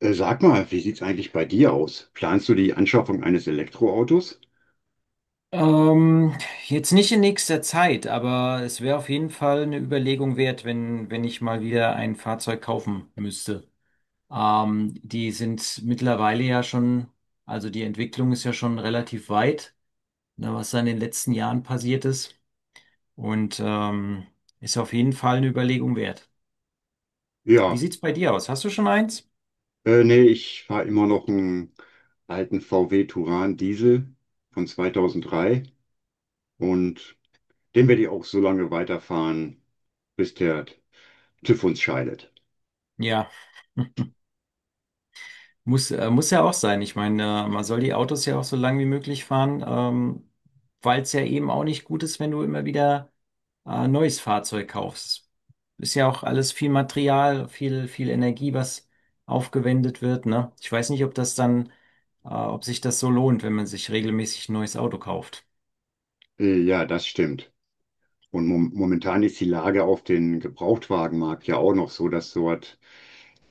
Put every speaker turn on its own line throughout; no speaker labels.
Sag mal, wie sieht's eigentlich bei dir aus? Planst du die Anschaffung eines Elektroautos?
Ähm, jetzt nicht in nächster Zeit, aber es wäre auf jeden Fall eine Überlegung wert, wenn ich mal wieder ein Fahrzeug kaufen müsste. Die sind mittlerweile ja schon, also die Entwicklung ist ja schon relativ weit, ne, was da in den letzten Jahren passiert ist. Und ist auf jeden Fall eine Überlegung wert. Wie
Ja,
sieht's bei dir aus? Hast du schon eins?
nee, ich fahre immer noch einen alten VW Touran Diesel von 2003 und den werde ich auch so lange weiterfahren, bis der TÜV uns scheidet.
Ja. Muss ja auch sein. Ich meine, man soll die Autos ja auch so lang wie möglich fahren, weil es ja eben auch nicht gut ist, wenn du immer wieder neues Fahrzeug kaufst. Ist ja auch alles viel Material, viel, viel Energie, was aufgewendet wird, ne? Ich weiß nicht, ob das dann, ob sich das so lohnt, wenn man sich regelmäßig ein neues Auto kauft.
Ja, das stimmt. Und momentan ist die Lage auf den Gebrauchtwagenmarkt ja auch noch so, dass dort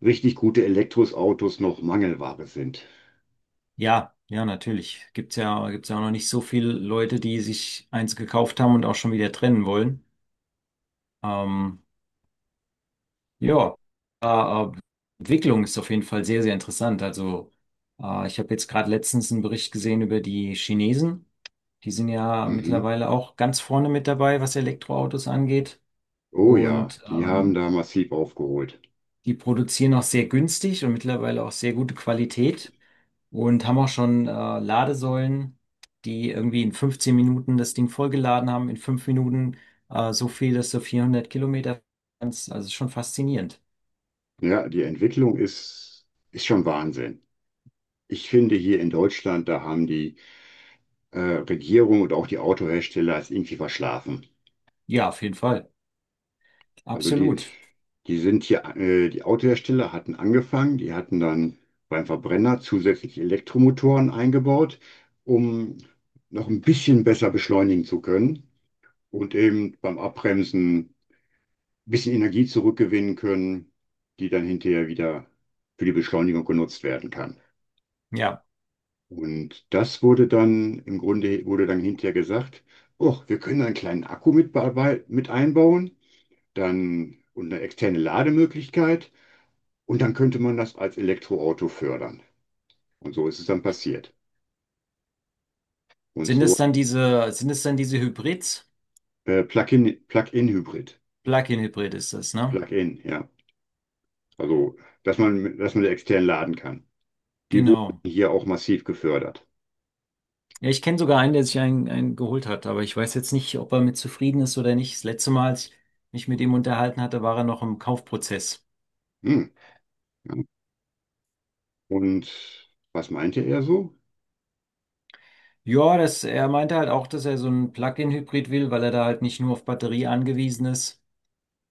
richtig gute Elektroautos noch Mangelware sind.
Ja, ja, natürlich. Gibt's ja auch noch nicht so viele Leute, die sich eins gekauft haben und auch schon wieder trennen wollen. Ähm, Ja, äh, äh, Entwicklung ist auf jeden Fall sehr, sehr interessant. Also, ich habe jetzt gerade letztens einen Bericht gesehen über die Chinesen. Die sind ja
Mhm.
mittlerweile auch ganz vorne mit dabei, was Elektroautos angeht.
Oh ja,
Und
die haben da massiv aufgeholt.
die produzieren auch sehr günstig und mittlerweile auch sehr gute Qualität und haben auch schon Ladesäulen, die irgendwie in 15 Minuten das Ding vollgeladen haben, in 5 Minuten so viel, dass du 400 Kilometer kannst. Also schon faszinierend.
Ja, die Entwicklung ist schon Wahnsinn. Ich finde, hier in Deutschland, da haben die äh, Regierung und auch die Autohersteller es irgendwie verschlafen.
Ja, auf jeden Fall.
Also die,
Absolut.
die sind hier, die Autohersteller hatten angefangen, die hatten dann beim Verbrenner zusätzlich Elektromotoren eingebaut, um noch ein bisschen besser beschleunigen zu können und eben beim Abbremsen ein bisschen Energie zurückgewinnen können, die dann hinterher wieder für die Beschleunigung genutzt werden kann.
Ja.
Und das wurde dann, im Grunde wurde dann hinterher gesagt, oh, wir können einen kleinen Akku mit einbauen, dann und eine externe Lademöglichkeit und dann könnte man das als Elektroauto fördern. Und so ist es dann passiert. Und
Sind
so
es dann diese, sind es dann diese Hybrids?
Plug-in-Hybrid,
Plug-in-Hybrid ist das, ne?
Plug-in, ja. Also, dass man extern laden kann. Die wurden
Genau.
hier auch massiv gefördert.
Ja, ich kenne sogar einen, der sich einen geholt hat, aber ich weiß jetzt nicht, ob er mit zufrieden ist oder nicht. Das letzte Mal, als ich mich mit ihm unterhalten hatte, war er noch im Kaufprozess.
Hm, ja. Und was meinte er so?
Ja, er meinte halt auch, dass er so einen Plug-in-Hybrid will, weil er da halt nicht nur auf Batterie angewiesen ist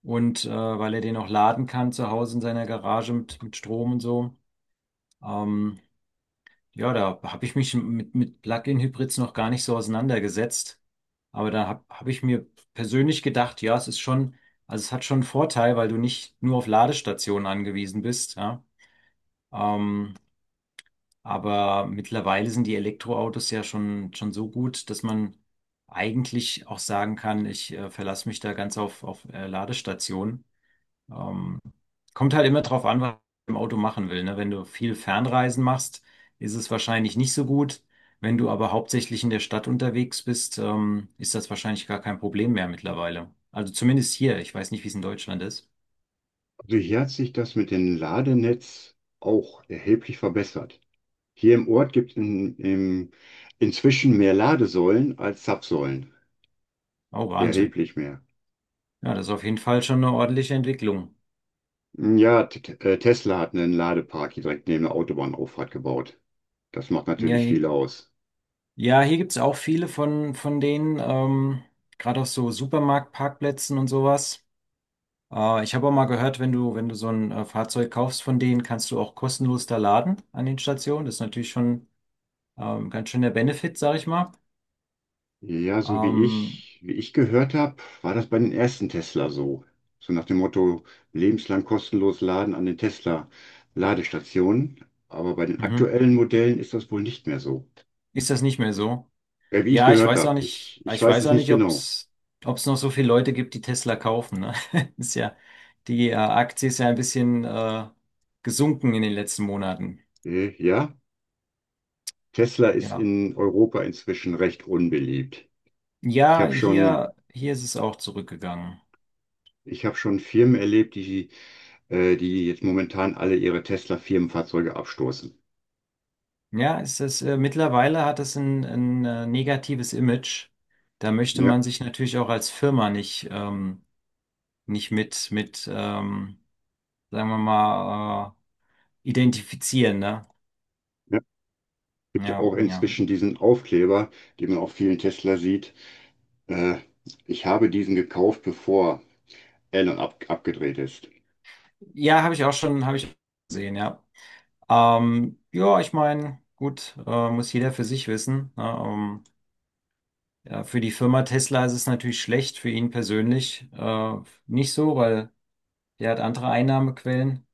und weil er den auch laden kann zu Hause in seiner Garage mit Strom und so. Ähm, Ja, da habe ich mich mit Plug-in-Hybrids noch gar nicht so auseinandergesetzt. Aber da hab ich mir persönlich gedacht, ja, es ist schon, also es hat schon einen Vorteil, weil du nicht nur auf Ladestationen angewiesen bist, ja. Ähm, aber mittlerweile sind die Elektroautos ja schon so gut, dass man eigentlich auch sagen kann, ich verlasse mich da ganz auf Ladestationen. Ähm, kommt halt immer drauf an, was man im Auto machen will. Ne? Wenn du viel Fernreisen machst, ist es wahrscheinlich nicht so gut. Wenn du aber hauptsächlich in der Stadt unterwegs bist, ist das wahrscheinlich gar kein Problem mehr mittlerweile. Also zumindest hier. Ich weiß nicht, wie es in Deutschland ist.
So hier hat sich das mit dem Ladenetz auch erheblich verbessert. Hier im Ort gibt es inzwischen mehr Ladesäulen als Zapfsäulen.
Oh, Wahnsinn.
Erheblich mehr.
Ja, das ist auf jeden Fall schon eine ordentliche Entwicklung.
Ja, Tesla hat einen Ladepark hier direkt neben der Autobahnauffahrt gebaut. Das macht
Ja,
natürlich viel aus.
ja, hier gibt's auch viele von denen, gerade auf so Supermarktparkplätzen und sowas. Ich habe auch mal gehört, wenn du so ein Fahrzeug kaufst von denen, kannst du auch kostenlos da laden an den Stationen. Das ist natürlich schon ganz schön der Benefit, sag ich mal.
Ja, so
Ähm,
wie ich gehört habe, war das bei den ersten Tesla so. So nach dem Motto, lebenslang kostenlos laden an den Tesla-Ladestationen. Aber bei den
mhm.
aktuellen Modellen ist das wohl nicht mehr so.
Ist das nicht mehr so?
Wie ich
Ja, ich
gehört
weiß auch
habe.
nicht,
Ich
ich
weiß
weiß
es
auch
nicht
nicht, ob
genau.
es ob es noch so viele Leute gibt, die Tesla kaufen. Ne? Ist ja, die Aktie ist ja ein bisschen gesunken in den letzten Monaten.
Ja, Tesla ist
Ja.
in Europa inzwischen recht unbeliebt. Ich
Ja,
habe schon,
hier ist es auch zurückgegangen.
Ich habe schon Firmen erlebt, die jetzt momentan alle ihre Tesla-Firmenfahrzeuge abstoßen.
Ja, mittlerweile hat es ein negatives Image. Da möchte
Ja,
man sich natürlich auch als Firma nicht mit sagen wir mal, identifizieren, ne?
ja. Gibt ja
Ja,
auch
ja.
inzwischen diesen Aufkleber, den man auf vielen Tesla sieht. Äh, Ich habe diesen gekauft, bevor Elon abgedreht ist.
Ja, habe ich gesehen, ja. Ja, ich meine, gut, muss jeder für sich wissen. Ne? Ja, für die Firma Tesla ist es natürlich schlecht, für ihn persönlich nicht so, weil der hat andere Einnahmequellen.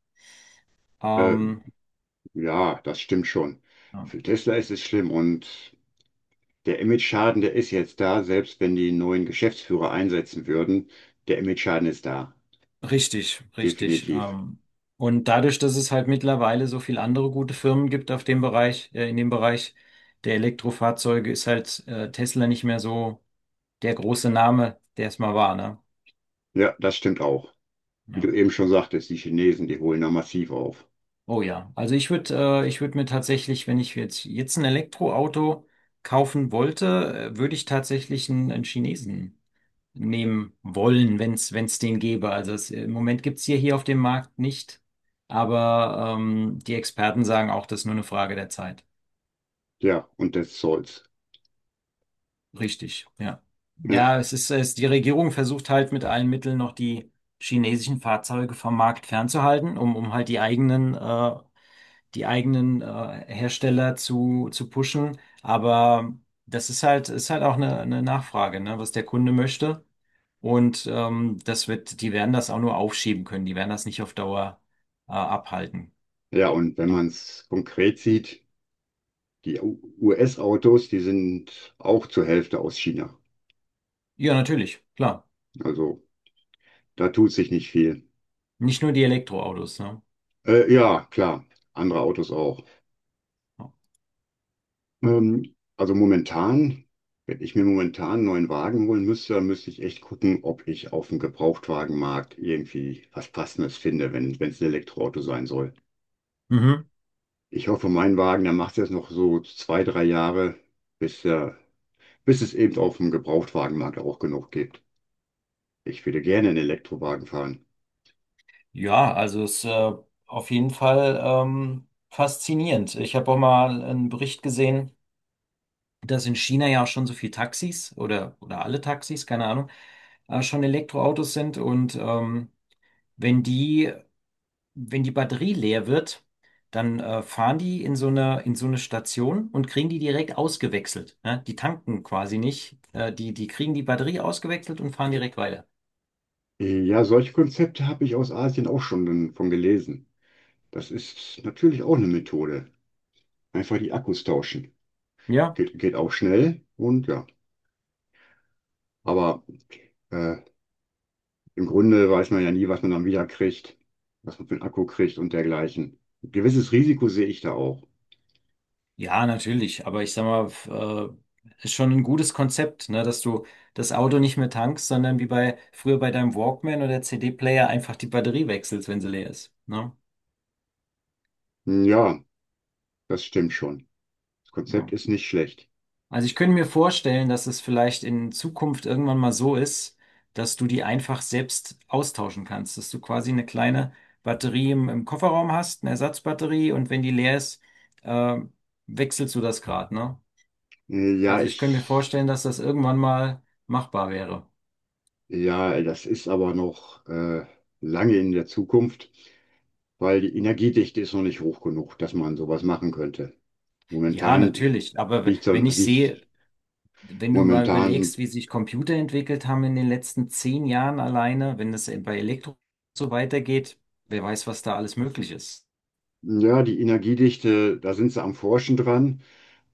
Äh,
Ähm,
ja, das stimmt schon.
ja.
Für Tesla ist es schlimm und der Image-Schaden, der ist jetzt da, selbst wenn die neuen Geschäftsführer einsetzen würden. Der Image-Schaden ist da.
Richtig, richtig.
Definitiv.
Und dadurch, dass es halt mittlerweile so viel andere gute Firmen gibt auf dem Bereich, in dem Bereich der Elektrofahrzeuge, ist halt Tesla nicht mehr so der große Name, der es mal war, ne?
Ja, das stimmt auch. Wie
Ja.
du eben schon sagtest, die Chinesen, die holen da massiv auf.
Oh ja. Also ich würde mir tatsächlich, wenn ich jetzt ein Elektroauto kaufen wollte, würde ich tatsächlich einen Chinesen nehmen wollen, wenn es den gäbe. Also im Moment gibt's hier auf dem Markt nicht, aber die Experten sagen auch, das ist nur eine Frage der Zeit.
Ja, und des Zolls.
Richtig, ja.
Ja,
Ja, die Regierung versucht halt mit allen Mitteln noch die chinesischen Fahrzeuge vom Markt fernzuhalten, um halt die eigenen Hersteller zu pushen. Aber das ist halt auch eine Nachfrage, ne, was der Kunde möchte. Und die werden das auch nur aufschieben können. Die werden das nicht auf Dauer abhalten.
ja, und wenn
Ja.
man es konkret sieht, die US-Autos, die sind auch zur Hälfte aus China.
Ja, natürlich, klar.
Also da tut sich nicht viel.
Nicht nur die Elektroautos, ne?
Ja, klar, andere Autos auch.
Ja.
Also momentan, wenn ich mir momentan einen neuen Wagen holen müsste, dann müsste ich echt gucken, ob ich auf dem Gebrauchtwagenmarkt irgendwie was Passendes finde, wenn wenn es ein Elektroauto sein soll.
Mhm.
Ich hoffe, mein Wagen, der macht jetzt noch so zwei, drei Jahre, bis, er, bis es eben auf dem Gebrauchtwagenmarkt auch genug gibt. Ich würde gerne einen Elektrowagen fahren.
Ja, also es ist auf jeden Fall faszinierend. Ich habe auch mal einen Bericht gesehen, dass in China ja auch schon so viele Taxis oder alle Taxis, keine Ahnung, schon Elektroautos sind. Und wenn die wenn die Batterie leer wird, dann fahren die in so eine Station und kriegen die direkt ausgewechselt. Ne? Die tanken quasi nicht. Die kriegen die Batterie ausgewechselt und fahren direkt weiter.
Ja, solche Konzepte habe ich aus Asien auch schon von gelesen. Das ist natürlich auch eine Methode. Einfach die Akkus tauschen.
Ja.
Geht auch schnell und ja. Aber äh, im Grunde weiß man ja nie, was man dann wieder kriegt, was man für einen Akku kriegt und dergleichen. Ein gewisses Risiko sehe ich da auch.
Ja, natürlich. Aber ich sag mal, ist schon ein gutes Konzept, ne? Dass du das Auto nicht mehr tankst, sondern wie bei früher bei deinem Walkman oder CD-Player einfach die Batterie wechselst, wenn sie leer ist. Ne?
Hm, ja, das stimmt schon. Das
Ja.
Konzept ist nicht schlecht.
Also ich könnte mir vorstellen, dass es vielleicht in Zukunft irgendwann mal so ist, dass du die einfach selbst austauschen kannst, dass du quasi eine kleine Batterie im Kofferraum hast, eine Ersatzbatterie und wenn die leer ist, äh, wechselst du das Grad, ne?
Äh, Ja,
Also ich könnte mir
ich,
vorstellen, dass das irgendwann mal machbar wäre.
ja, das ist aber noch lange in der Zukunft, weil die Energiedichte ist noch nicht hoch genug, dass man sowas machen könnte.
Ja,
Momentan
natürlich. Aber wenn ich
Liegt
sehe, wenn du mal
momentan,
überlegst, wie sich Computer entwickelt haben in den letzten 10 Jahren alleine, wenn das bei Elektro so weitergeht, wer weiß, was da alles möglich ist.
ja, die Energiedichte, da sind sie am Forschen dran.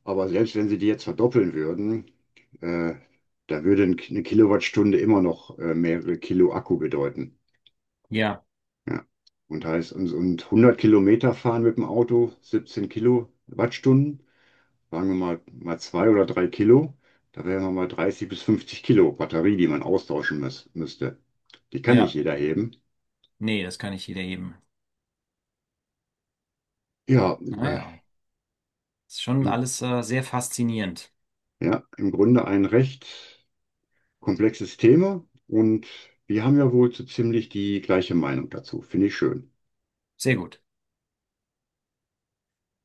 Aber selbst wenn sie die jetzt verdoppeln würden, äh, da würde eine Kilowattstunde immer noch mehrere Kilo Akku bedeuten.
Ja.
Ja. Und heißt, und 100 Kilometer fahren mit dem Auto, 17 Kilowattstunden, sagen wir mal, mal zwei oder drei Kilo, da wären wir mal 30 bis 50 Kilo Batterie, die man müsste. Die kann nicht
Ja,
jeder heben.
nee, das kann nicht jeder eben.
Ja, äh,
Naja, ist schon
im,
alles sehr faszinierend.
ja, im Grunde ein recht komplexes Thema und wir haben ja wohl so ziemlich die gleiche Meinung dazu. Finde ich schön.
Sehr gut.